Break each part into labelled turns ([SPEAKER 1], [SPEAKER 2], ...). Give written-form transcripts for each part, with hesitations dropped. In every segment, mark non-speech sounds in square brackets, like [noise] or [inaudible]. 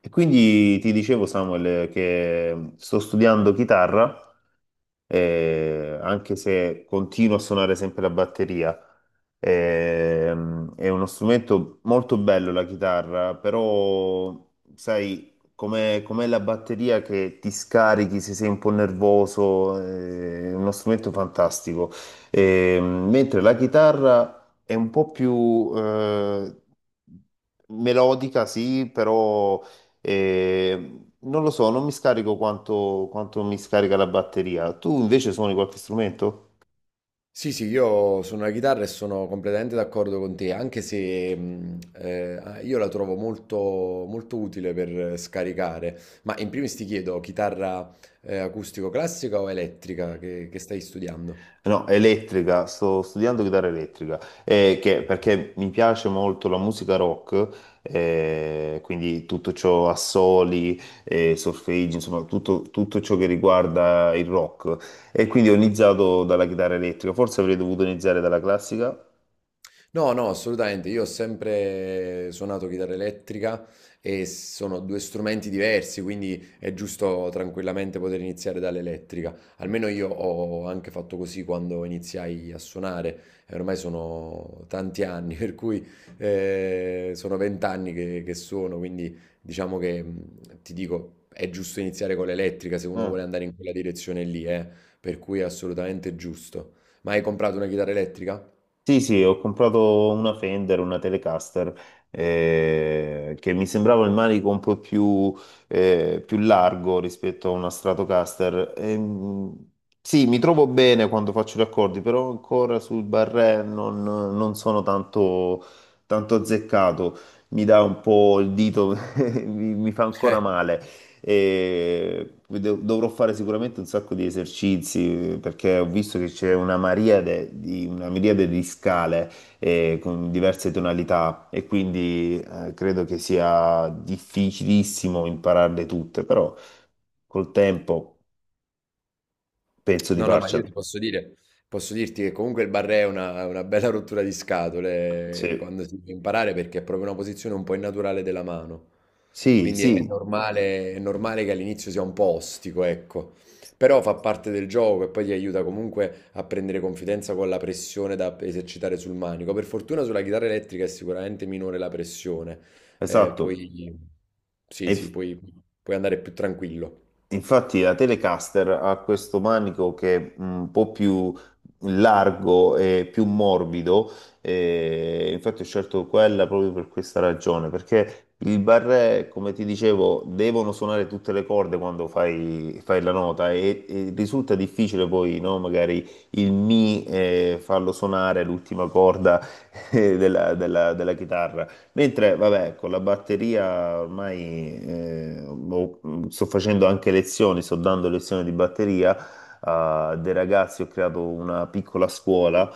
[SPEAKER 1] E quindi ti dicevo, Samuel, che sto studiando chitarra, anche se continuo a suonare sempre la batteria. È uno strumento molto bello la chitarra, però sai, com'è la batteria che ti scarichi se sei un po' nervoso, è uno strumento fantastico. Mentre la chitarra è un po' più, melodica, sì, però e non lo so, non mi scarico quanto mi scarica la batteria. Tu invece suoni qualche strumento?
[SPEAKER 2] Sì, sì, io suono la chitarra e sono completamente d'accordo con te, anche se io la trovo molto, molto utile per scaricare. Ma in primis ti chiedo, chitarra acustico-classica o elettrica che stai studiando?
[SPEAKER 1] No, elettrica, sto studiando chitarra elettrica, perché mi piace molto la musica rock, quindi tutto ciò assoli, solfeggi, insomma tutto ciò che riguarda il rock. E quindi ho iniziato dalla chitarra elettrica, forse avrei dovuto iniziare dalla classica.
[SPEAKER 2] No, no, assolutamente. Io ho sempre suonato chitarra elettrica e sono due strumenti diversi, quindi è giusto tranquillamente poter iniziare dall'elettrica. Almeno io ho anche fatto così quando iniziai a suonare. E ormai sono tanti anni, [laughs] per cui sono 20 anni che suono, quindi diciamo che ti dico, è giusto iniziare con l'elettrica se uno
[SPEAKER 1] Eh.
[SPEAKER 2] vuole andare in quella direzione lì, eh. Per cui è assolutamente giusto. Ma hai comprato una chitarra elettrica?
[SPEAKER 1] Sì, sì, ho comprato una Fender, una Telecaster, che mi sembrava il manico un po' più, più largo rispetto a una Stratocaster. Sì, mi trovo bene quando faccio gli accordi, però ancora sul barré non sono tanto azzeccato. Mi dà un po' il dito, [laughs] mi fa ancora
[SPEAKER 2] [laughs]
[SPEAKER 1] male. Dovrò fare sicuramente un sacco di esercizi perché ho visto che c'è una miriade di scale con diverse tonalità e quindi credo che sia difficilissimo impararle tutte, però col tempo penso di
[SPEAKER 2] No, no, ma io
[SPEAKER 1] farcela.
[SPEAKER 2] ti posso dire, posso dirti che comunque il barré è una bella rottura di scatole
[SPEAKER 1] Sì,
[SPEAKER 2] quando si deve imparare perché è proprio una posizione un po' innaturale della mano.
[SPEAKER 1] sì,
[SPEAKER 2] Quindi
[SPEAKER 1] sì,
[SPEAKER 2] è normale che all'inizio sia un po' ostico, ecco. Però fa parte del gioco e poi ti aiuta comunque a prendere confidenza con la pressione da esercitare sul manico. Per fortuna sulla chitarra elettrica è sicuramente minore la pressione.
[SPEAKER 1] esatto.
[SPEAKER 2] Poi sì,
[SPEAKER 1] E
[SPEAKER 2] sì, puoi andare più tranquillo.
[SPEAKER 1] infatti la Telecaster ha questo manico che è un po' più largo e più morbido, e infatti ho scelto quella proprio per questa ragione, perché il barré, come ti dicevo, devono suonare tutte le corde quando fai la nota e risulta difficile poi, no? Magari il mi farlo suonare l'ultima corda [laughs] della chitarra. Mentre, vabbè, con la batteria ormai boh, sto facendo anche lezioni, sto dando lezioni di batteria a dei ragazzi, ho creato una piccola scuola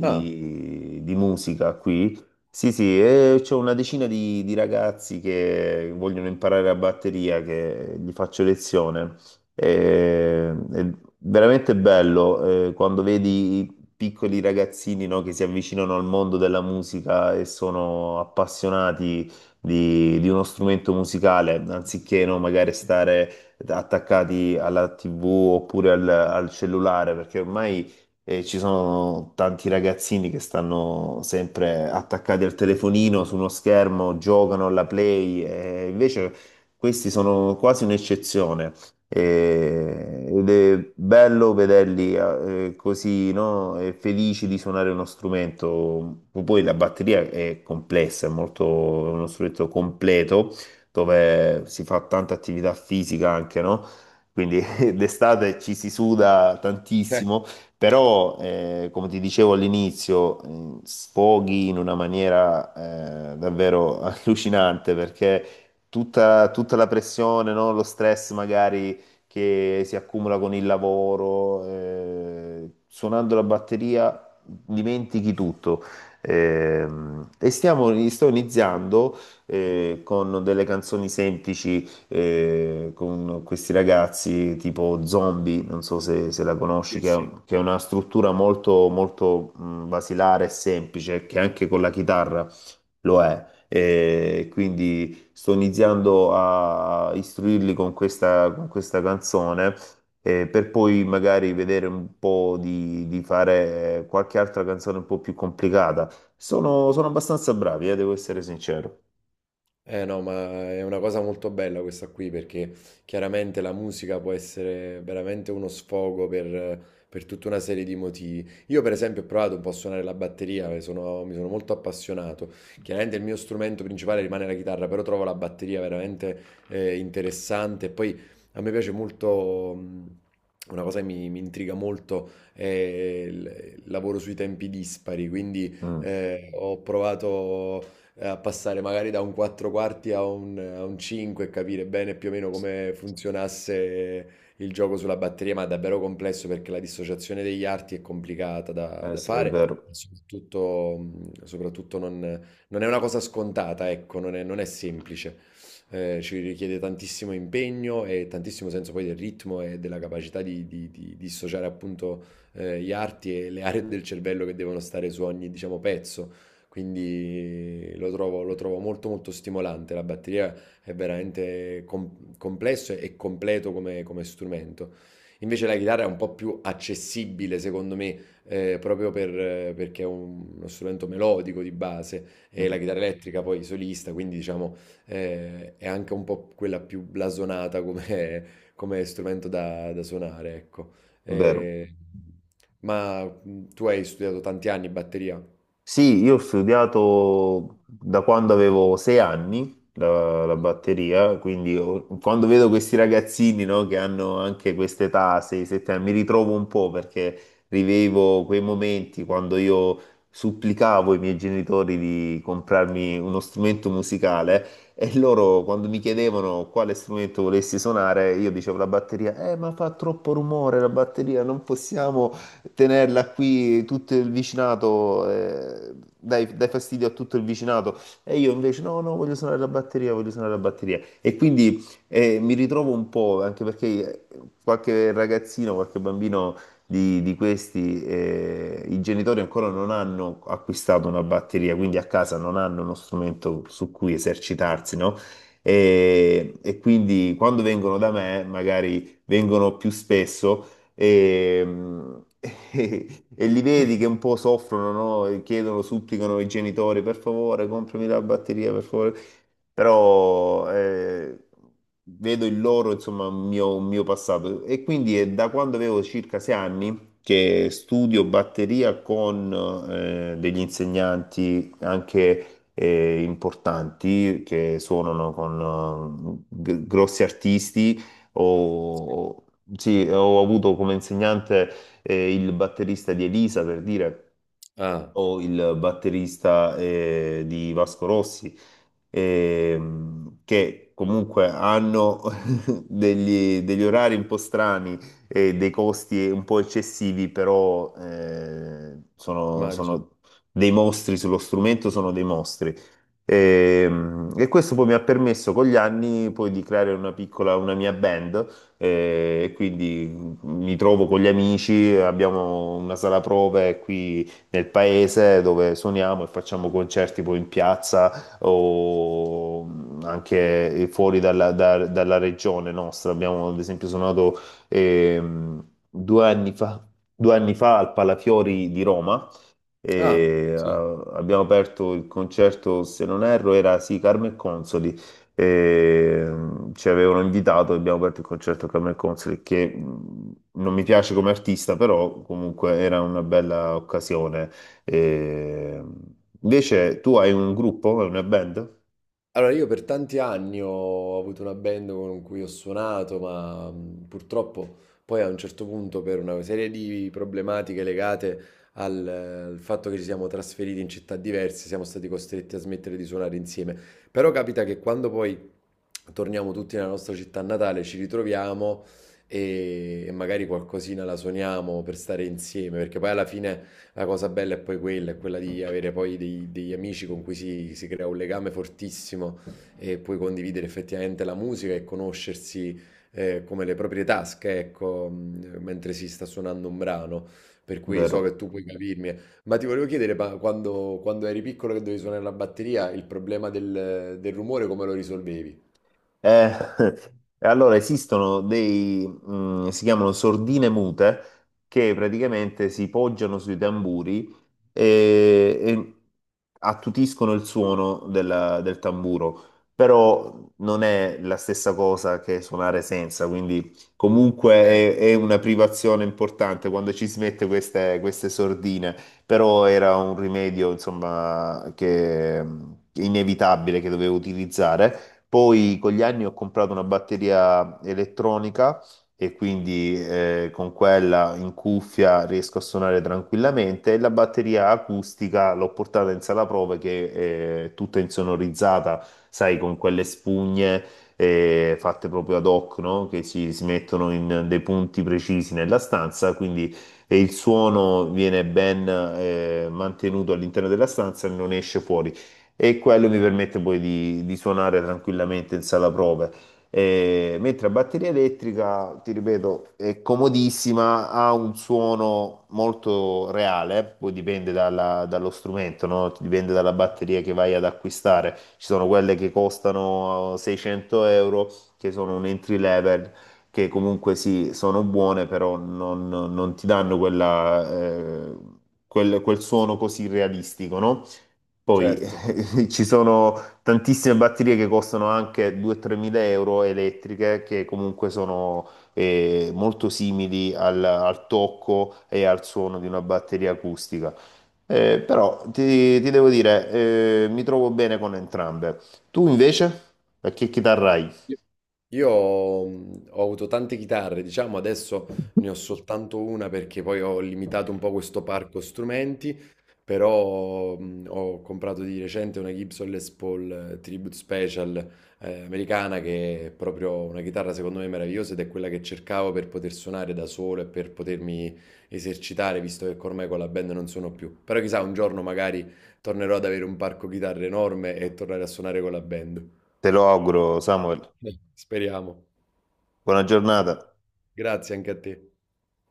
[SPEAKER 2] Ah,
[SPEAKER 1] di musica qui. Sì, sì, e c'ho una decina di ragazzi che vogliono imparare la batteria, che gli faccio lezione. È veramente bello quando vedi piccoli ragazzini, no, che si avvicinano al mondo della musica e sono appassionati di uno strumento musicale, anziché, no, magari stare attaccati alla TV oppure al cellulare, perché ormai ci sono tanti ragazzini che stanno sempre attaccati al telefonino, su uno schermo, giocano alla Play, e invece questi sono quasi un'eccezione. E- ed è bello vederli così, no? E felici di suonare uno strumento. Poi la batteria è complessa, è molto, è uno strumento completo dove si fa tanta attività fisica anche, no? Quindi [laughs] d'estate ci si suda
[SPEAKER 2] eh,
[SPEAKER 1] tantissimo, però come ti dicevo all'inizio, sfoghi in una maniera davvero [laughs] allucinante perché tutta la pressione, no? Lo stress magari che si accumula con il lavoro, suonando la batteria dimentichi tutto. Sto iniziando con delle canzoni semplici con questi ragazzi tipo Zombie, non so se la conosci,
[SPEAKER 2] sì, sì.
[SPEAKER 1] che è una struttura molto, molto basilare e semplice, che anche con la chitarra lo è, e quindi sto iniziando a istruirli con con questa canzone per poi magari vedere un po' di fare qualche altra canzone un po' più complicata. Sono abbastanza bravi, devo essere sincero.
[SPEAKER 2] Eh no, ma è una cosa molto bella questa qui perché chiaramente la musica può essere veramente uno sfogo per tutta una serie di motivi. Io per esempio ho provato un po' a suonare la batteria, mi sono molto appassionato. Chiaramente il mio strumento principale rimane la chitarra, però trovo la batteria veramente interessante. E poi a me piace molto, una cosa che mi intriga molto è il lavoro sui tempi dispari, quindi
[SPEAKER 1] Mm,
[SPEAKER 2] ho provato a passare magari da un 4 quarti a un 5 e capire bene più o meno come funzionasse il gioco sulla batteria, ma è davvero complesso perché la dissociazione degli arti è complicata da, da
[SPEAKER 1] sì, è
[SPEAKER 2] fare. E
[SPEAKER 1] vero.
[SPEAKER 2] soprattutto, soprattutto non è una cosa scontata, ecco, non è semplice. Ci richiede tantissimo impegno e tantissimo senso poi del ritmo e della capacità di dissociare appunto gli arti e le aree del cervello che devono stare su ogni, diciamo, pezzo, quindi lo trovo molto molto stimolante. La batteria è veramente complesso e completo come strumento. Invece la chitarra è un po' più accessibile, secondo me, proprio perché è uno strumento melodico di base e
[SPEAKER 1] Mm,
[SPEAKER 2] la chitarra elettrica poi solista, quindi diciamo è anche un po' quella più blasonata come strumento da suonare, ecco.
[SPEAKER 1] è vero.
[SPEAKER 2] Eh, ma tu hai studiato tanti anni batteria?
[SPEAKER 1] Sì, io ho studiato da quando avevo 6 anni la batteria, quando vedo questi ragazzini, no, che hanno anche quest'età, 6-7 anni, mi ritrovo un po' perché rivevo quei momenti quando io supplicavo i miei genitori di comprarmi uno strumento musicale e loro quando mi chiedevano quale strumento volessi suonare, io dicevo la batteria, ma fa troppo rumore la batteria, non possiamo tenerla qui tutto il vicinato, dai, dai fastidio a tutto il vicinato. E io invece no, no, voglio suonare la batteria, voglio suonare la batteria. E quindi mi ritrovo un po', anche perché qualche ragazzino, qualche bambino di questi, i genitori ancora non hanno acquistato una batteria, quindi a casa non hanno uno strumento su cui esercitarsi, no? E quindi quando vengono da me, magari vengono più spesso e, [laughs] e li vedi che un po' soffrono, no? E chiedono, supplicano i genitori, per favore, comprami la batteria, per favore. Però vedo il loro, insomma, un mio passato. E quindi è da quando avevo circa 6 anni che studio batteria con degli insegnanti anche importanti che suonano con grossi artisti o, sì, ho avuto come insegnante il batterista di Elisa per dire
[SPEAKER 2] Ah.
[SPEAKER 1] o il batterista di Vasco Rossi, che comunque hanno [laughs] degli orari un po' strani e dei costi un po' eccessivi, però
[SPEAKER 2] Immagino.
[SPEAKER 1] sono dei mostri sullo strumento, sono dei mostri. Questo poi mi ha permesso con gli anni poi di creare una piccola, una mia band e quindi mi trovo con gli amici, abbiamo una sala prove qui nel paese dove suoniamo e facciamo concerti poi in piazza o anche fuori dalla regione nostra. Abbiamo ad esempio suonato ehm, due anni fa, 2 anni fa al Palafiori di Roma
[SPEAKER 2] Ah,
[SPEAKER 1] e
[SPEAKER 2] sì.
[SPEAKER 1] abbiamo aperto il concerto, se non erro, era sì, Carmen e Consoli. E, ci avevano invitato e abbiamo aperto il concerto a Carmen e Consoli, che non mi piace come artista, però comunque era una bella occasione. E, invece tu hai un gruppo, hai una band,
[SPEAKER 2] Allora io per tanti anni ho avuto una band con cui ho suonato, ma purtroppo poi a un certo punto per una serie di problematiche legate al fatto che ci siamo trasferiti in città diverse, siamo stati costretti a smettere di suonare insieme. Però capita che quando poi torniamo tutti nella nostra città natale ci ritroviamo e magari qualcosina la suoniamo per stare insieme, perché poi alla fine la cosa bella è poi quella, è quella di avere poi degli amici con cui si crea un legame fortissimo e puoi condividere effettivamente la musica e conoscersi come le proprie tasche, ecco, mentre si sta suonando un brano. Per cui so
[SPEAKER 1] vero?
[SPEAKER 2] che tu puoi capirmi. Ma ti volevo chiedere, ma quando eri piccolo che dovevi suonare la batteria, il problema del rumore come lo risolvevi?
[SPEAKER 1] Eh, [laughs] e allora esistono si chiamano sordine mute, che praticamente si poggiano sui tamburi e attutiscono il suono del tamburo, però non è la stessa cosa che suonare senza, quindi comunque
[SPEAKER 2] Eh,
[SPEAKER 1] è una privazione importante quando ci si mette queste sordine, però era un rimedio, insomma, che inevitabile che dovevo utilizzare poi con gli anni ho comprato una batteria elettronica e quindi con quella in cuffia riesco a suonare tranquillamente e la batteria acustica l'ho portata in sala prove che è tutta insonorizzata, sai, con quelle spugne fatte proprio ad hoc, no? Che si mettono in dei punti precisi nella stanza, quindi e il suono viene ben mantenuto all'interno della stanza e non esce fuori e quello mi permette poi di suonare tranquillamente in sala prove. Mentre la batteria elettrica, ti ripeto, è comodissima, ha un suono molto reale, poi dipende dallo strumento, no? Dipende dalla batteria che vai ad acquistare. Ci sono quelle che costano 600 euro, che sono un entry level, che comunque sì, sono buone, però non ti danno quella, quel suono così realistico, no? Poi [laughs]
[SPEAKER 2] Certo.
[SPEAKER 1] ci sono tantissime batterie che costano anche 2-3 mila euro elettriche che comunque sono molto simili al tocco e al suono di una batteria acustica. Però ti devo dire, mi trovo bene con entrambe. Tu invece? A che chitarra hai?
[SPEAKER 2] Io ho avuto tante chitarre, diciamo adesso ne ho soltanto una perché poi ho limitato un po' questo parco strumenti, però ho comprato di recente una Gibson Les Paul Tribute Special americana che è proprio una chitarra secondo me meravigliosa ed è quella che cercavo per poter suonare da solo e per potermi esercitare, visto che ormai con la band non suono più. Però chissà, un giorno magari tornerò ad avere un parco chitarre enorme e tornare a suonare con la band.
[SPEAKER 1] Te lo auguro, Samuel.
[SPEAKER 2] Speriamo.
[SPEAKER 1] Buona giornata.
[SPEAKER 2] Grazie anche a te.